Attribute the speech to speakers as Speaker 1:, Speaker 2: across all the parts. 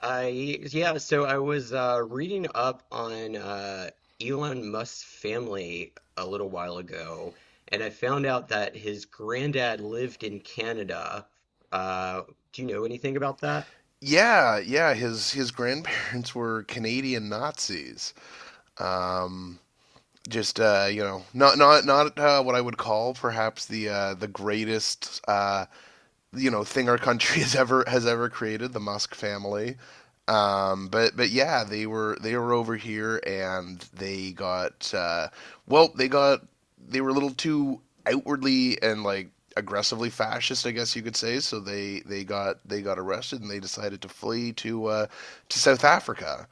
Speaker 1: I Yeah, so I was reading up on Elon Musk's family a little while ago, and I found out that his granddad lived in Canada. Uh, do you know anything about that?
Speaker 2: Yeah, yeah. His grandparents were Canadian Nazis. Um, just not what I would call perhaps the greatest thing our country has ever created, the Musk family. But yeah, they were over here and they got they got they were a little too outwardly and like aggressively fascist, I guess you could say. So they got arrested and they decided to flee to South Africa.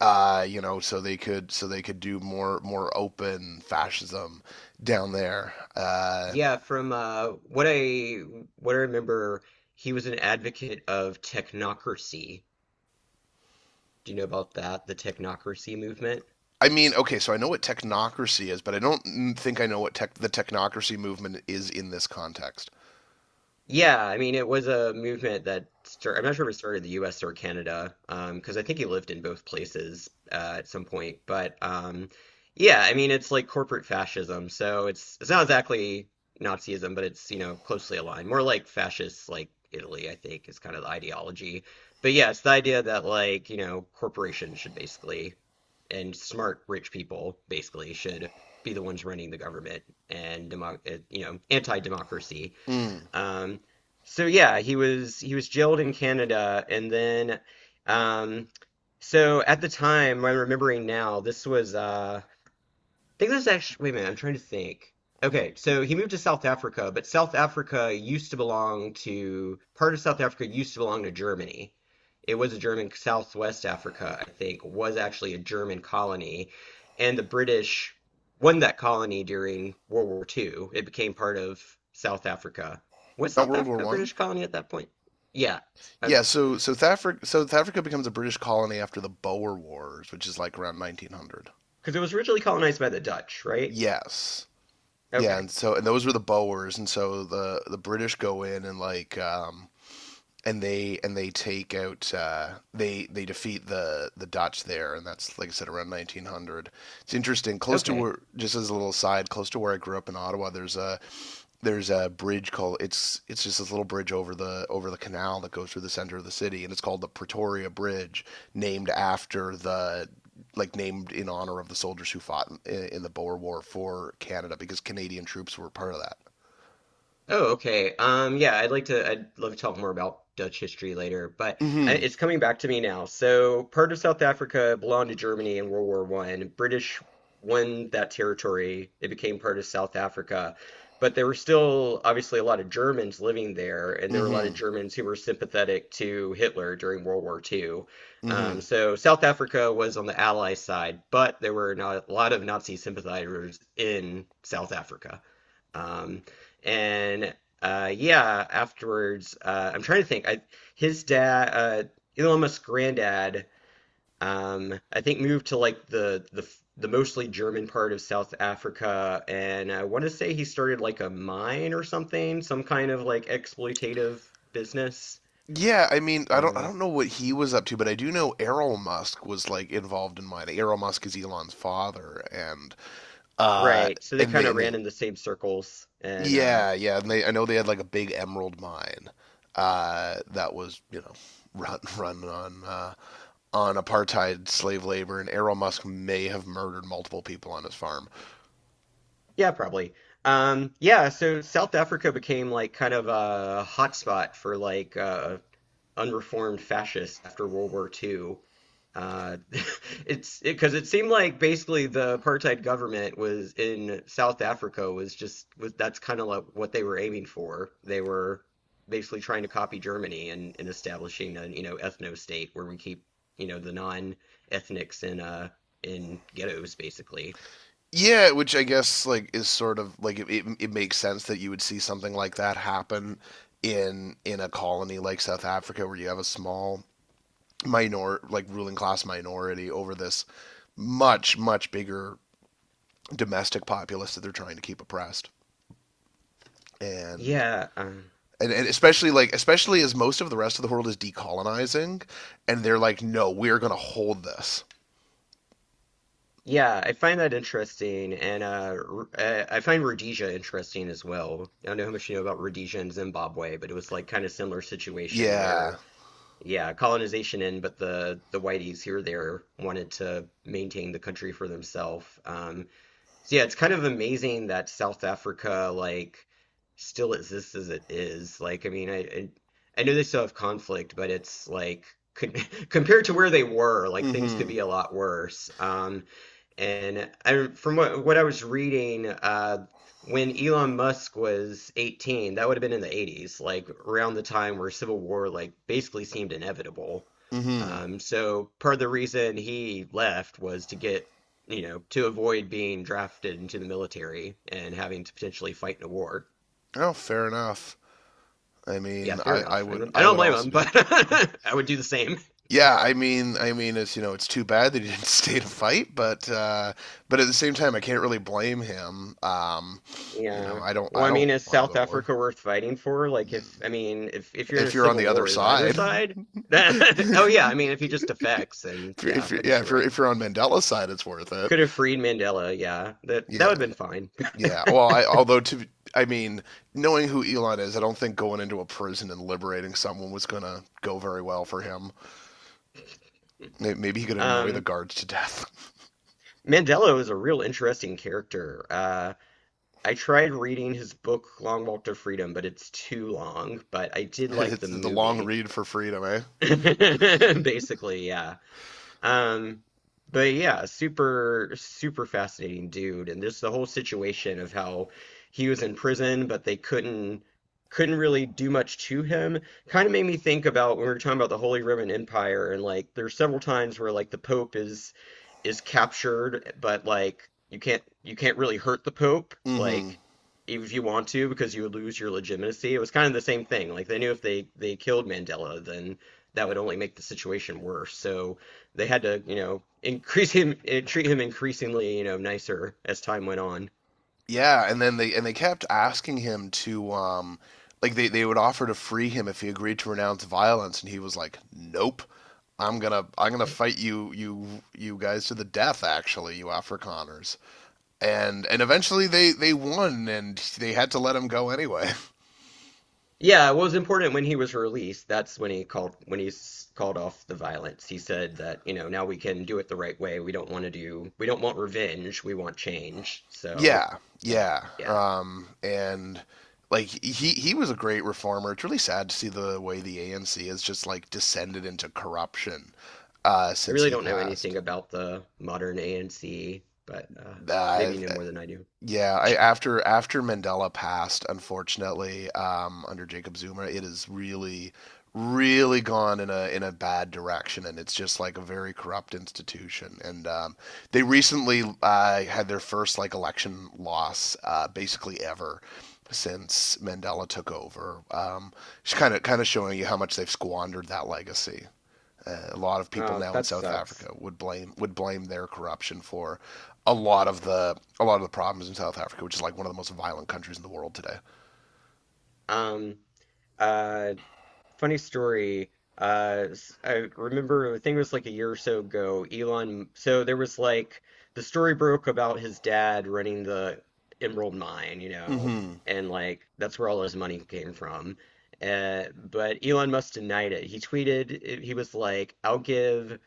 Speaker 2: So they could do more open fascism down there.
Speaker 1: Yeah, from what I remember, he was an advocate of technocracy. Do you know about that? The technocracy movement?
Speaker 2: I mean, okay, so I know what technocracy is, but I don't think I know what the technocracy movement is in this context.
Speaker 1: Yeah, I mean, it was a movement that started. I'm not sure if it started in the US or Canada, 'cause because I think he lived in both places at some point. But yeah, I mean, it's like corporate fascism. So it's not exactly Nazism, but it's, closely aligned. More like fascist, like Italy, I think, is kind of the ideology. But yeah, it's the idea that, corporations should basically, and smart, rich people basically should be the ones running the government and, demo anti-democracy.
Speaker 2: Mm,
Speaker 1: Um, so yeah, he was jailed in Canada, and then um, so at the time, what I'm remembering now, this was think there's actually, wait a minute, I'm trying to think. Okay, so he moved to South Africa, but South Africa used to belong to, part of South Africa used to belong to Germany. It was a German, Southwest Africa, I think, was actually a German colony. And the British won that colony during World War Two. It became part of South Africa. Was
Speaker 2: not
Speaker 1: South
Speaker 2: World War
Speaker 1: Africa a
Speaker 2: One.
Speaker 1: British colony at that point? Yeah, because
Speaker 2: Yeah, so South Africa, so South Africa becomes a British colony after the Boer Wars, which is like around 1900.
Speaker 1: it was originally colonized by the Dutch, right?
Speaker 2: Yes, yeah,
Speaker 1: Okay,
Speaker 2: and so and those were the Boers, and so the British go in and and they take out. They defeat the Dutch there, and that's like I said around 1900. It's interesting. Close to
Speaker 1: okay.
Speaker 2: where, just as a little side, close to where I grew up in Ottawa, there's a bridge called it's just this little bridge over the canal that goes through the center of the city, and it's called the Pretoria Bridge, named after the like named in honor of the soldiers who fought in the Boer War for Canada because Canadian troops were part of that.
Speaker 1: Oh, okay. Yeah, I'd love to talk more about Dutch history later, but
Speaker 2: Mm-hmm.
Speaker 1: it's coming back to me now. So, part of South Africa belonged to Germany in World War One. British won that territory. It became part of South Africa, but there were still obviously a lot of Germans living there, and there were a lot of
Speaker 2: Mm-hmm.
Speaker 1: Germans who were sympathetic to Hitler during World War Two.
Speaker 2: Mm-hmm.
Speaker 1: So, South Africa was on the Allied side, but there were not a lot of Nazi sympathizers in South Africa. Um, and yeah, afterwards, I'm trying to think. I his dad, Elon Musk's granddad, I think moved to like the mostly German part of South Africa, and I want to say he started like a mine or something, some kind of like exploitative business.
Speaker 2: Yeah, I mean, I don't I
Speaker 1: Uh,
Speaker 2: don't know what he was up to, but I do know Errol Musk was like involved in mine. Errol Musk is Elon's father, uh,
Speaker 1: right. So they kind of
Speaker 2: and
Speaker 1: ran
Speaker 2: they
Speaker 1: in the same circles, and
Speaker 2: yeah, yeah, and they I know they had like a big emerald mine, that was you know run on apartheid slave labor, and Errol Musk may have murdered multiple people on his farm.
Speaker 1: yeah, probably. Yeah, so South Africa became like kind of a hotspot for like unreformed fascists after World War Two. Uh, it's because it seemed like basically the apartheid government was in South Africa, was just was, that's kind of like what they were aiming for. They were basically trying to copy Germany and establishing an ethno state where we keep the non-ethnics in ghettos basically.
Speaker 2: Yeah, which I guess like is sort of like it makes sense that you would see something like that happen in a colony like South Africa where you have a small minor like ruling class minority over this much bigger domestic populace that they're trying to keep oppressed. And
Speaker 1: Yeah, um,
Speaker 2: and especially especially as most of the rest of the world is decolonizing and they're like no, we're going to hold this.
Speaker 1: Yeah, I find that interesting, and I find Rhodesia interesting as well. I don't know how much you know about Rhodesia and Zimbabwe, but it was like kind of similar situation
Speaker 2: Yeah.
Speaker 1: where, yeah, colonization in, but the whiteys here or there wanted to maintain the country for themselves. So yeah, it's kind of amazing that South Africa like still exists as it is. Like, I mean, I know they still have conflict, but it's like. con- Compared to where they were, like things could
Speaker 2: Mhm.
Speaker 1: be a lot worse. And from what I was reading, when Elon Musk was 18, that would have been in the 80s, like around the time where civil war like basically seemed inevitable.
Speaker 2: Mhm.
Speaker 1: So part of the reason he left was to get, you know, to avoid being drafted into the military and having to potentially fight in a war.
Speaker 2: Oh, fair enough. I
Speaker 1: Yeah,
Speaker 2: mean,
Speaker 1: fair
Speaker 2: I
Speaker 1: enough.
Speaker 2: would
Speaker 1: And I
Speaker 2: I
Speaker 1: don't
Speaker 2: would
Speaker 1: blame
Speaker 2: also
Speaker 1: him,
Speaker 2: do
Speaker 1: but I would do the same.
Speaker 2: yeah, I mean, it's you know, it's too bad that he didn't stay to fight, but at the same time, I can't really blame him. You know,
Speaker 1: Yeah. Well,
Speaker 2: I
Speaker 1: I
Speaker 2: don't
Speaker 1: mean, is
Speaker 2: want to go
Speaker 1: South
Speaker 2: to war.
Speaker 1: Africa worth fighting for? Like, if
Speaker 2: Mm.
Speaker 1: I mean, if you're in a
Speaker 2: If you're on
Speaker 1: civil
Speaker 2: the other
Speaker 1: war, is either
Speaker 2: side,
Speaker 1: side? Oh
Speaker 2: if
Speaker 1: yeah, I mean, if he just defects, then
Speaker 2: if
Speaker 1: yeah,
Speaker 2: you're,
Speaker 1: I
Speaker 2: yeah,
Speaker 1: guess you're right.
Speaker 2: if you're on Mandela's side, it's worth it.
Speaker 1: Could have freed Mandela. Yeah, that
Speaker 2: Yeah,
Speaker 1: would have been fine.
Speaker 2: yeah. Well, I although I mean, knowing who Elon is, I don't think going into a prison and liberating someone was gonna go very well for him. Maybe he could annoy the
Speaker 1: Um,
Speaker 2: guards to death.
Speaker 1: Mandela was a real interesting character. I tried reading his book Long Walk to Freedom, but it's too long. But I did like
Speaker 2: it's
Speaker 1: the
Speaker 2: the long
Speaker 1: movie.
Speaker 2: read for freedom, eh?
Speaker 1: Basically, yeah. Um, but yeah, super, super fascinating dude, and just the whole situation of how he was in prison, but they couldn't really do much to him. Kind of made me think about when we were talking about the Holy Roman Empire, and like there's several times where like the Pope is captured, but like you can't really hurt the Pope,
Speaker 2: Mm-hmm.
Speaker 1: like if you want to, because you would lose your legitimacy. It was kind of the same thing. Like they knew if they killed Mandela, then that would only make the situation worse. So they had to, increase him, eh, treat him increasingly, nicer as time went on.
Speaker 2: Yeah, and then they kept asking him to they would offer to free him if he agreed to renounce violence and he was like, nope. I'm gonna fight you guys to the death actually, you Afrikaners. And eventually they won and they had to let him go anyway.
Speaker 1: Yeah, it was important when he was released. That's when he called when he called off the violence. He said that, now we can do it the right way. We don't want to do, we don't want revenge. We want change. So
Speaker 2: yeah,
Speaker 1: that,
Speaker 2: yeah.
Speaker 1: yeah.
Speaker 2: Um, and like he was a great reformer. It's really sad to see the way the ANC has just like descended into corruption
Speaker 1: I
Speaker 2: since
Speaker 1: really
Speaker 2: he
Speaker 1: don't know anything
Speaker 2: passed.
Speaker 1: about the modern ANC, but maybe
Speaker 2: Uh,
Speaker 1: you know more than I do.
Speaker 2: Yeah, I, after Mandela passed, unfortunately, under Jacob Zuma, it has really gone in a bad direction, and it's just like a very corrupt institution. And they recently had their first like election loss, basically ever since Mandela took over. Just kind of showing you how much they've squandered that legacy. A lot of people now in
Speaker 1: That
Speaker 2: South Africa
Speaker 1: sucks.
Speaker 2: would blame their corruption for a lot of the problems in South Africa, which is like one of the most violent countries in the world today.
Speaker 1: Um uh Funny story. I remember, I think it was like a year or so ago, Elon. So there was like the story broke about his dad running the Emerald Mine,
Speaker 2: Mm-hmm.
Speaker 1: and like that's where all his money came from. But Elon Musk denied it. He tweeted, he was like, I'll give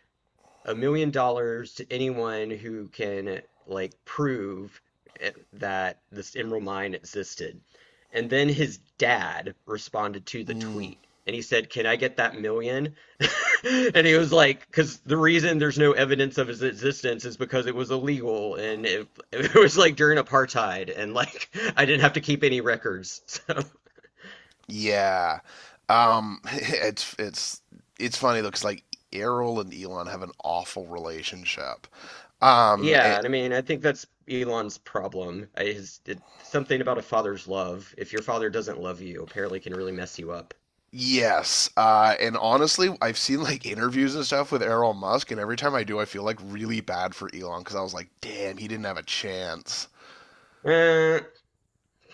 Speaker 1: $1 million to anyone who can like prove that this emerald mine existed. And then his dad responded to the
Speaker 2: Mm,
Speaker 1: tweet and he said, "Can I get that million?" And he was like, because the reason there's no evidence of his existence is because it was illegal and it was like during apartheid and like I didn't have to keep any records. So
Speaker 2: yeah. Um, it's it's it's funny though, because like Errol and Elon have an awful relationship. Um,
Speaker 1: yeah,
Speaker 2: it,
Speaker 1: and I mean, I think that's Elon's problem. His something about a father's love. If your father doesn't love you, apparently can really mess you up.
Speaker 2: yes. And honestly, I've seen like interviews and stuff with Errol Musk, and every time I do, I feel like really bad for Elon because I was like, damn, he didn't have a chance.
Speaker 1: Uh,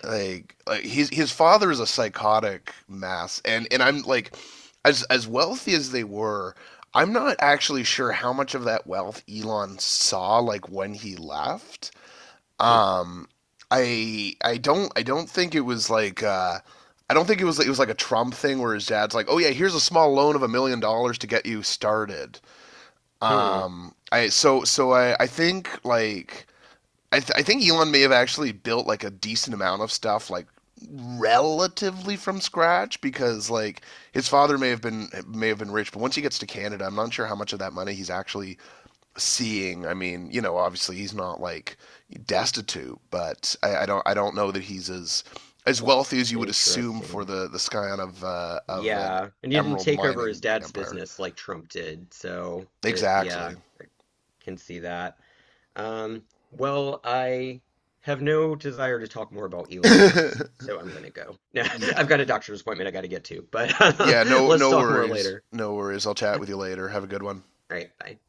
Speaker 2: Like his father is a psychotic mass, and I'm like as wealthy as they were, I'm not actually sure how much of that wealth Elon saw like when he left.
Speaker 1: hmm,
Speaker 2: um I don't think it was like I don't think it was like a Trump thing where his dad's like, "Oh yeah, here's a small loan of $1 million to get you started."
Speaker 1: hmm,
Speaker 2: I so so I think like I think Elon may have actually built like a decent amount of stuff like relatively from scratch because like his father may have been rich, but once he gets to Canada, I'm not sure how much of that money he's actually seeing. I mean, you know, obviously he's not like destitute, I don't know that he's as wealthy as you would assume for
Speaker 1: interesting.
Speaker 2: the scion of an
Speaker 1: Yeah, and he didn't
Speaker 2: emerald
Speaker 1: take over his
Speaker 2: mining
Speaker 1: dad's
Speaker 2: empire.
Speaker 1: business like Trump did, so
Speaker 2: Exactly.
Speaker 1: yeah, I can see that. Um, well, I have no desire to talk more about Elon
Speaker 2: yeah,
Speaker 1: Musk, so I'm gonna go. I've got a doctor's appointment I gotta get to, but
Speaker 2: yeah, no,
Speaker 1: let's
Speaker 2: no
Speaker 1: talk more
Speaker 2: worries,
Speaker 1: later.
Speaker 2: no worries, I'll chat with you later, have a good one.
Speaker 1: All right, bye.